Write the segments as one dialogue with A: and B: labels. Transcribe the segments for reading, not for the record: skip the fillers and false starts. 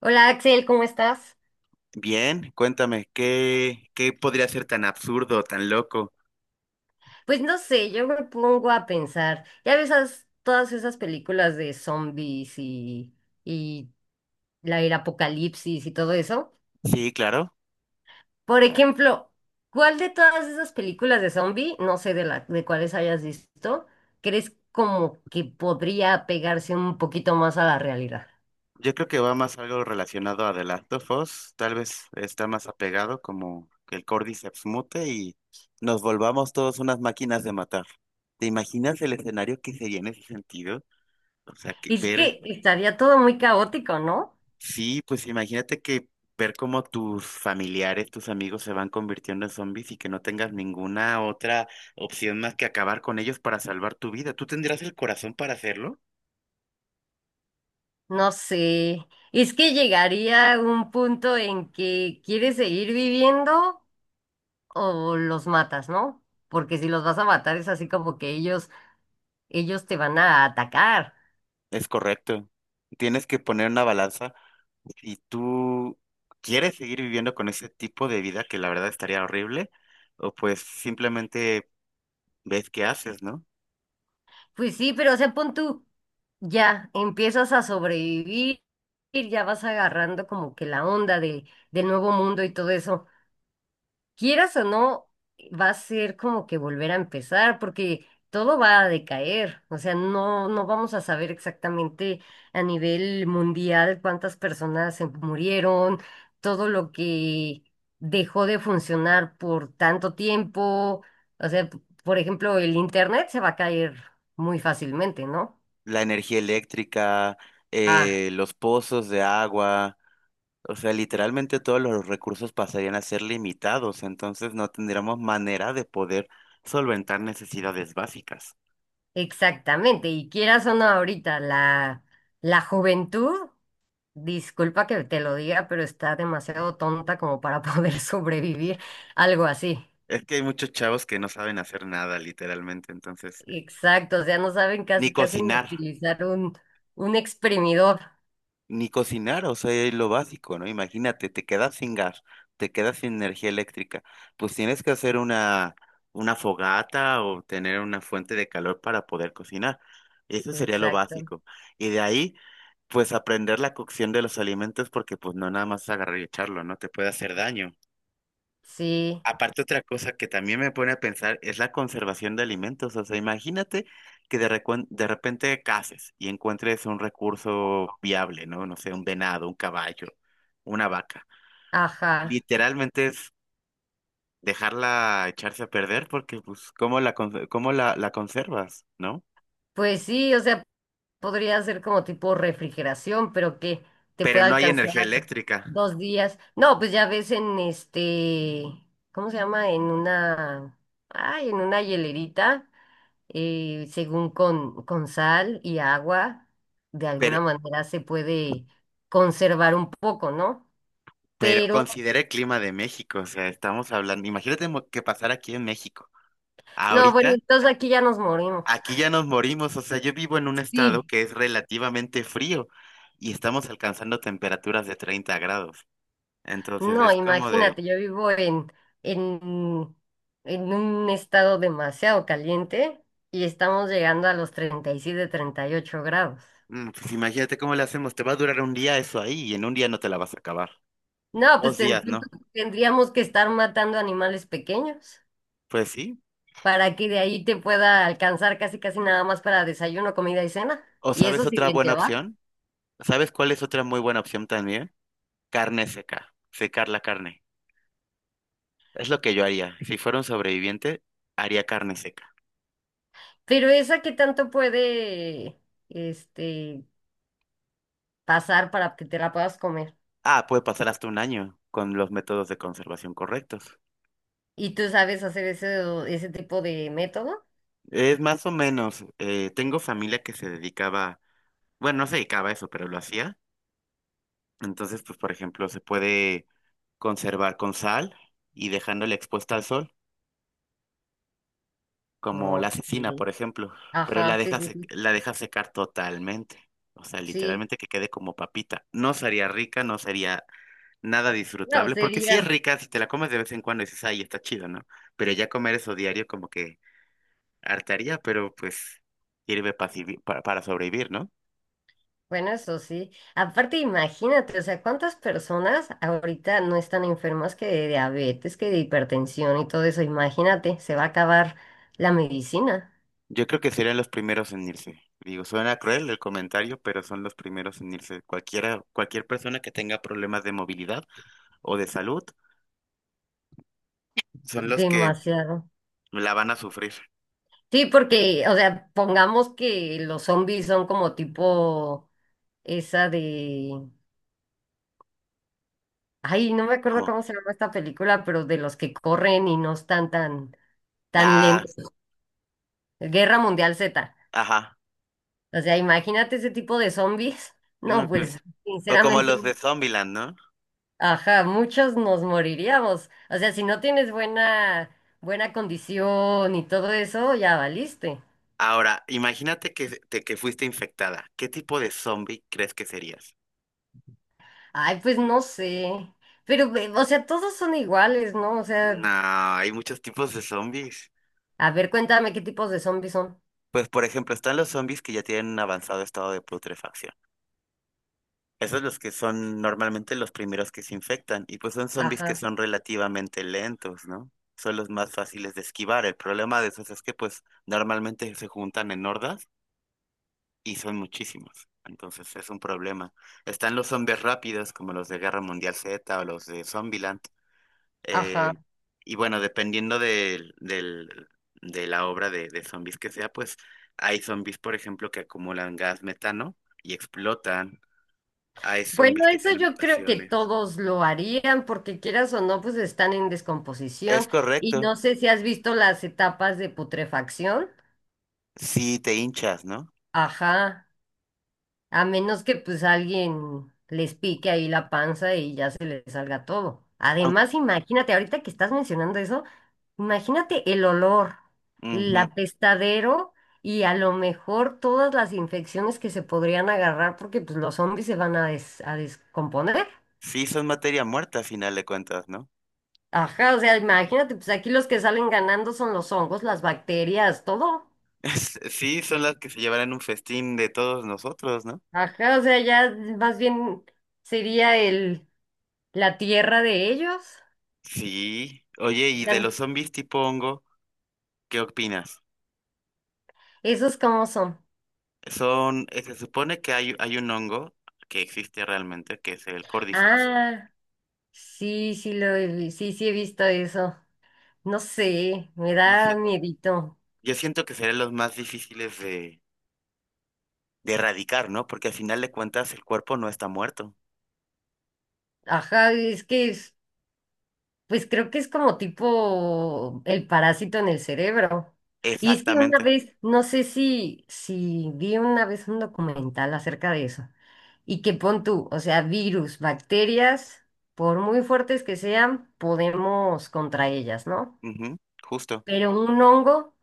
A: Hola Axel, ¿cómo estás?
B: Bien, cuéntame, ¿qué podría ser tan absurdo, tan loco?
A: Pues no sé, yo me pongo a pensar, ya ves todas esas películas de zombies y el apocalipsis y todo eso.
B: Sí, claro.
A: Por ejemplo, ¿cuál de todas esas películas de zombie, no sé de cuáles hayas visto, crees como que podría pegarse un poquito más a la realidad?
B: Yo creo que va más algo relacionado a The Last of Us. Tal vez está más apegado como que el Cordyceps mute y nos volvamos todos unas máquinas de matar. ¿Te imaginas el escenario que sería en ese sentido? O sea, que
A: Es
B: ver.
A: que estaría todo muy caótico, ¿no?
B: Sí, pues imagínate que ver cómo tus familiares, tus amigos se van convirtiendo en zombies y que no tengas ninguna otra opción más que acabar con ellos para salvar tu vida. ¿Tú tendrás el corazón para hacerlo?
A: No sé, es que llegaría un punto en que quieres seguir viviendo o los matas, ¿no? Porque si los vas a matar es así como que ellos te van a atacar.
B: Es correcto. Tienes que poner una balanza y tú quieres seguir viviendo con ese tipo de vida que la verdad estaría horrible o pues simplemente ves qué haces, ¿no?
A: Pues sí, pero o sea, pon tú, ya empiezas a sobrevivir, ya vas agarrando como que la onda del nuevo mundo y todo eso. Quieras o no, va a ser como que volver a empezar, porque todo va a decaer. O sea, no, no vamos a saber exactamente a nivel mundial cuántas personas se murieron, todo lo que dejó de funcionar por tanto tiempo. O sea, por ejemplo, el internet se va a caer muy fácilmente, ¿no?
B: La energía eléctrica,
A: Ah,
B: los pozos de agua. O sea, literalmente todos los recursos pasarían a ser limitados, entonces no tendríamos manera de poder solventar necesidades básicas.
A: exactamente. Y quieras o no, ahorita la juventud. Disculpa que te lo diga, pero está demasiado tonta como para poder sobrevivir algo así.
B: Es que hay muchos chavos que no saben hacer nada, literalmente, entonces,
A: Exacto, o sea, no saben
B: ni
A: casi casi ni
B: cocinar.
A: utilizar un exprimidor.
B: Ni cocinar, o sea, es lo básico, ¿no? Imagínate, te quedas sin gas, te quedas sin energía eléctrica, pues tienes que hacer una fogata o tener una fuente de calor para poder cocinar. Eso sería lo
A: Exacto.
B: básico. Y de ahí, pues aprender la cocción de los alimentos porque pues no nada más agarrar y echarlo, no te puede hacer daño.
A: Sí,
B: Aparte, otra cosa que también me pone a pensar es la conservación de alimentos. O sea, imagínate que de repente caces y encuentres un recurso viable, ¿no? No sé, un venado, un caballo, una vaca.
A: ajá.
B: Literalmente es dejarla echarse a perder porque, pues, cómo la conservas, ¿no?
A: Pues sí, o sea, podría ser como tipo refrigeración, pero que te
B: Pero
A: pueda
B: no hay
A: alcanzar
B: energía eléctrica.
A: 2 días. No, pues ya ves en este, ¿cómo se llama? En una hielerita. Según con sal y agua, de
B: Pero,
A: alguna manera se puede conservar un poco, ¿no?
B: pero
A: Pero,
B: considera el clima de México. O sea, estamos hablando, imagínate que pasara aquí en México.
A: no, bueno,
B: Ahorita.
A: entonces aquí ya nos morimos.
B: Aquí ya nos morimos, o sea, yo vivo en un estado
A: Sí,
B: que es relativamente frío y estamos alcanzando temperaturas de 30 grados. Entonces
A: no,
B: es como de,
A: imagínate, yo vivo en, en un estado demasiado caliente y estamos llegando a los 30, 37, 38 grados.
B: pues imagínate cómo le hacemos, te va a durar un día eso ahí y en un día no te la vas a acabar.
A: No, pues
B: Dos días, ¿no?
A: tendríamos que estar matando animales pequeños.
B: Pues sí.
A: Para que de ahí te pueda alcanzar casi casi nada más para desayuno, comida y cena.
B: ¿O
A: Y eso
B: sabes
A: si
B: otra
A: bien
B: buena
A: te va.
B: opción? ¿Sabes cuál es otra muy buena opción también? Carne seca, secar la carne. Es lo que yo haría. Si fuera un sobreviviente, haría carne seca.
A: Pero esa que tanto puede este, pasar para que te la puedas comer.
B: Ah, puede pasar hasta un año con los métodos de conservación correctos.
A: ¿Y tú sabes hacer ese tipo de método?
B: Es más o menos, tengo familia que se dedicaba, bueno, no se dedicaba a eso, pero lo hacía. Entonces, pues, por ejemplo, se puede conservar con sal y dejándola expuesta al sol, como la cecina, por
A: Ok.
B: ejemplo, pero
A: Ajá, sí, sí, sí.
B: la deja secar totalmente. O sea,
A: Sí.
B: literalmente que quede como papita. No sería rica, no sería nada
A: No,
B: disfrutable, porque si es rica, si te la comes de vez en cuando dices, ay, está chido, ¿no? Pero ya comer eso diario como que hartaría, pero pues sirve para sobrevivir, ¿no?
A: bueno, eso sí. Aparte, imagínate, o sea, ¿cuántas personas ahorita no están enfermas que de diabetes, que de hipertensión y todo eso? Imagínate, se va a acabar la medicina.
B: Yo creo que serían los primeros en irse. Digo, suena cruel el comentario, pero son los primeros en irse. Cualquiera, cualquier persona que tenga problemas de movilidad o de salud son los que
A: Demasiado.
B: la van a sufrir.
A: Sí, porque, o sea, pongamos que los zombies son como tipo esa de. Ay, no me acuerdo
B: Como,
A: cómo se llama esta película, pero de los que corren y no están tan,
B: ah,
A: lentos. Guerra Mundial Z.
B: ajá,
A: O sea, imagínate ese tipo de zombies.
B: no,
A: No,
B: pues.
A: pues,
B: O como
A: sinceramente,
B: los de Zombieland, ¿no?
A: ajá, muchos nos moriríamos. O sea, si no tienes buena condición y todo eso, ya valiste.
B: Ahora, imagínate que fuiste infectada. ¿Qué tipo de zombie crees que serías?
A: Ay, pues no sé. Pero, o sea, todos son iguales, ¿no? O
B: No,
A: sea,
B: hay muchos tipos de zombies.
A: a ver, cuéntame qué tipos de zombies son.
B: Pues, por ejemplo, están los zombies que ya tienen un avanzado estado de putrefacción. Esos los que son normalmente los primeros que se infectan, y pues son zombies que
A: Ajá,
B: son relativamente lentos, ¿no? Son los más fáciles de esquivar. El problema de esos es que pues normalmente se juntan en hordas y son muchísimos. Entonces es un problema. Están los zombies rápidos, como los de Guerra Mundial Z o los de Zombieland. eh,
A: ajá.
B: y bueno, dependiendo de la obra de zombies que sea, pues hay zombies, por ejemplo, que acumulan gas metano y explotan. Hay
A: Bueno,
B: zombies que
A: eso
B: tienen
A: yo creo que
B: mutaciones.
A: todos lo harían, porque quieras o no, pues están en
B: Es
A: descomposición. Y
B: correcto,
A: no sé si has visto las etapas de putrefacción.
B: si te hinchas, ¿no?
A: Ajá. A menos que pues alguien les pique ahí la panza y ya se les salga todo.
B: Aun-
A: Además, imagínate, ahorita que estás mencionando eso, imagínate el olor, el
B: Ujú.
A: apestadero y a lo mejor todas las infecciones que se podrían agarrar porque pues los zombies se van a descomponer.
B: Sí, son materia muerta a final de cuentas, ¿no?
A: Ajá, o sea, imagínate, pues aquí los que salen ganando son los hongos, las bacterias, todo.
B: Sí, son las que se llevarán un festín de todos nosotros, ¿no?
A: Ajá, o sea, ya más bien sería la tierra de ellos.
B: Sí. Oye, ¿y de los zombies tipo hongo, qué opinas?
A: ¿Esos cómo son?
B: Son, se supone que hay un hongo que existe realmente, que es el Cordyceps.
A: Ah, sí, sí, sí, sí he visto eso. No sé, me
B: Yo,
A: da
B: si-
A: miedito.
B: yo siento que serán los más difíciles de erradicar, ¿no? Porque al final de cuentas el cuerpo no está muerto.
A: Ajá, es que pues creo que es como tipo el parásito en el cerebro. Y es que una
B: Exactamente.
A: vez, no sé si vi una vez un documental acerca de eso. Y que pon tú, o sea, virus, bacterias, por muy fuertes que sean, podemos contra ellas, ¿no?
B: Ujú. Justo.
A: Pero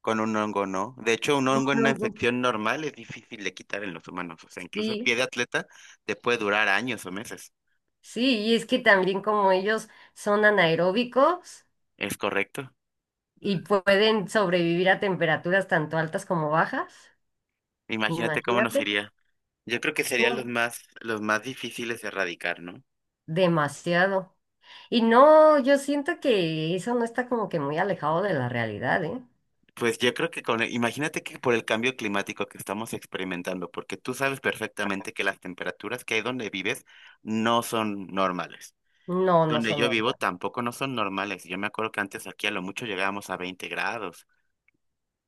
B: Con un hongo, ¿no? De hecho, un
A: un
B: hongo en una
A: hongo,
B: infección normal es difícil de quitar en los humanos. O sea, incluso el pie
A: sí.
B: de atleta te puede durar años o meses.
A: Sí, y es que también como ellos son anaeróbicos
B: Es correcto.
A: y pueden sobrevivir a temperaturas tanto altas como bajas,
B: Imagínate cómo nos
A: imagínate,
B: iría. Yo creo que serían los
A: no,
B: más, los más difíciles de erradicar, ¿no?
A: demasiado. Y no, yo siento que eso no está como que muy alejado de la realidad, ¿eh?
B: Pues yo creo que con, imagínate que por el cambio climático que estamos experimentando, porque tú sabes perfectamente que las temperaturas que hay donde vives no son normales.
A: No, no
B: Donde
A: son.
B: yo vivo
A: Hormonas.
B: tampoco no son normales. Yo me acuerdo que antes aquí a lo mucho llegábamos a 20 grados,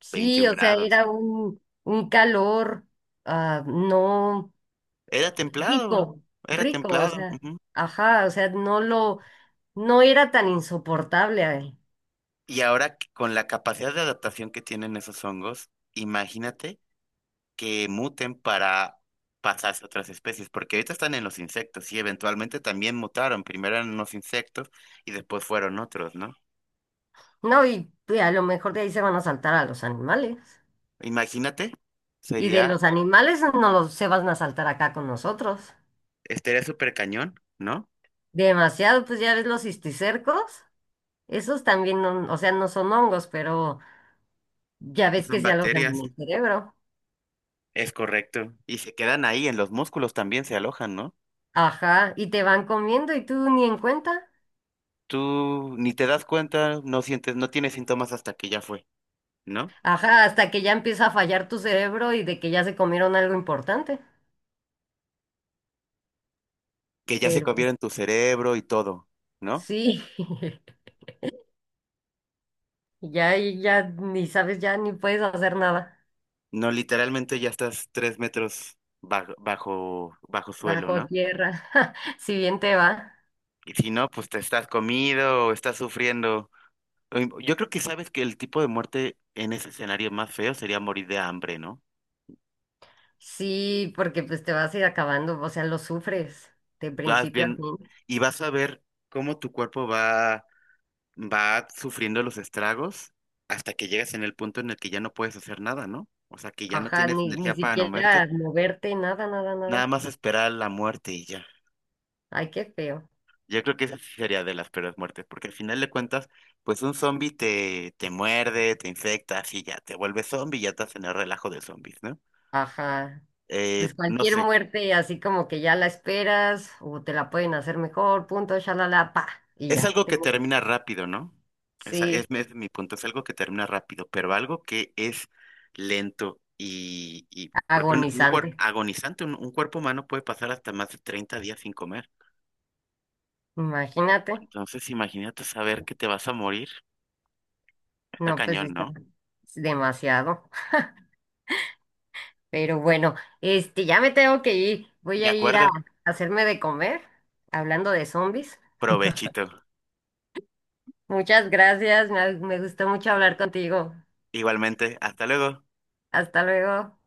A: Sí,
B: 21
A: o sea,
B: grados.
A: era un, calor, no
B: Era templado,
A: rico,
B: era
A: rico, o
B: templado.
A: sea,
B: Ujú.
A: ajá, o sea, no era tan insoportable.
B: Y ahora con la capacidad de adaptación que tienen esos hongos, imagínate que muten para pasarse a otras especies, porque ahorita están en los insectos y eventualmente también mutaron. Primero eran unos insectos y después fueron otros, ¿no?
A: No, y a lo mejor de ahí se van a saltar a los animales.
B: Imagínate,
A: Y de
B: sería,
A: los animales no los, se van a saltar acá con nosotros.
B: estaría súper cañón, ¿no?
A: Demasiado, pues ya ves los cisticercos. Esos también, o sea, no son hongos, pero ya
B: Pues
A: ves que
B: son
A: se alojan
B: bacterias,
A: en el cerebro.
B: es correcto. Y se quedan ahí, en los músculos también se alojan, ¿no?
A: Ajá, y te van comiendo y tú ni en cuenta.
B: Tú ni te das cuenta, no sientes, no tienes síntomas hasta que ya fue, ¿no?
A: Ajá, hasta que ya empieza a fallar tu cerebro y de que ya se comieron algo importante.
B: Que ya se
A: Pero pues,
B: comieron tu cerebro y todo, ¿no?
A: sí, ya, ni sabes, ya ni puedes hacer nada.
B: No, literalmente ya estás 3 metros bajo, bajo, bajo suelo,
A: Bajo
B: ¿no?
A: tierra, si bien te va.
B: Y si no, pues te estás comido o estás sufriendo. Yo creo que sabes que el tipo de muerte en ese escenario más feo sería morir de hambre, ¿no?
A: Sí, porque pues te vas a ir acabando, o sea, lo sufres de
B: Vas
A: principio a
B: bien
A: fin.
B: y vas a ver cómo tu cuerpo va sufriendo los estragos hasta que llegas en el punto en el que ya no puedes hacer nada, ¿no? O sea, que ya no
A: Ajá,
B: tienes
A: ni
B: energía para no muerte,
A: siquiera moverte, nada, nada,
B: nada
A: nada.
B: más esperar la muerte y ya.
A: Ay, qué feo.
B: Yo creo que esa sí sería de las peores muertes, porque al final de cuentas, pues un zombie te muerde, te infecta, así ya te vuelves zombie y ya estás en el relajo de zombies, ¿no?
A: Ajá. Pues
B: No
A: cualquier
B: sé,
A: muerte, así como que ya la esperas, o te la pueden hacer mejor, punto, shalala, pa, y
B: es
A: ya.
B: algo que termina rápido, ¿no? Esa es,
A: Sí,
B: es mi punto, es algo que termina rápido, pero algo que es lento y porque
A: agonizante.
B: agonizante, un cuerpo humano puede pasar hasta más de 30 días sin comer.
A: Imagínate.
B: Entonces, imagínate saber que te vas a morir, está
A: No, pues sí
B: cañón,
A: está
B: ¿no?
A: demasiado. Pero bueno, ya me tengo que ir. Voy
B: De
A: a ir a
B: acuerdo,
A: hacerme de comer, hablando de zombies.
B: provechito.
A: Muchas gracias, me gustó mucho hablar contigo.
B: Igualmente, hasta luego.
A: Hasta luego.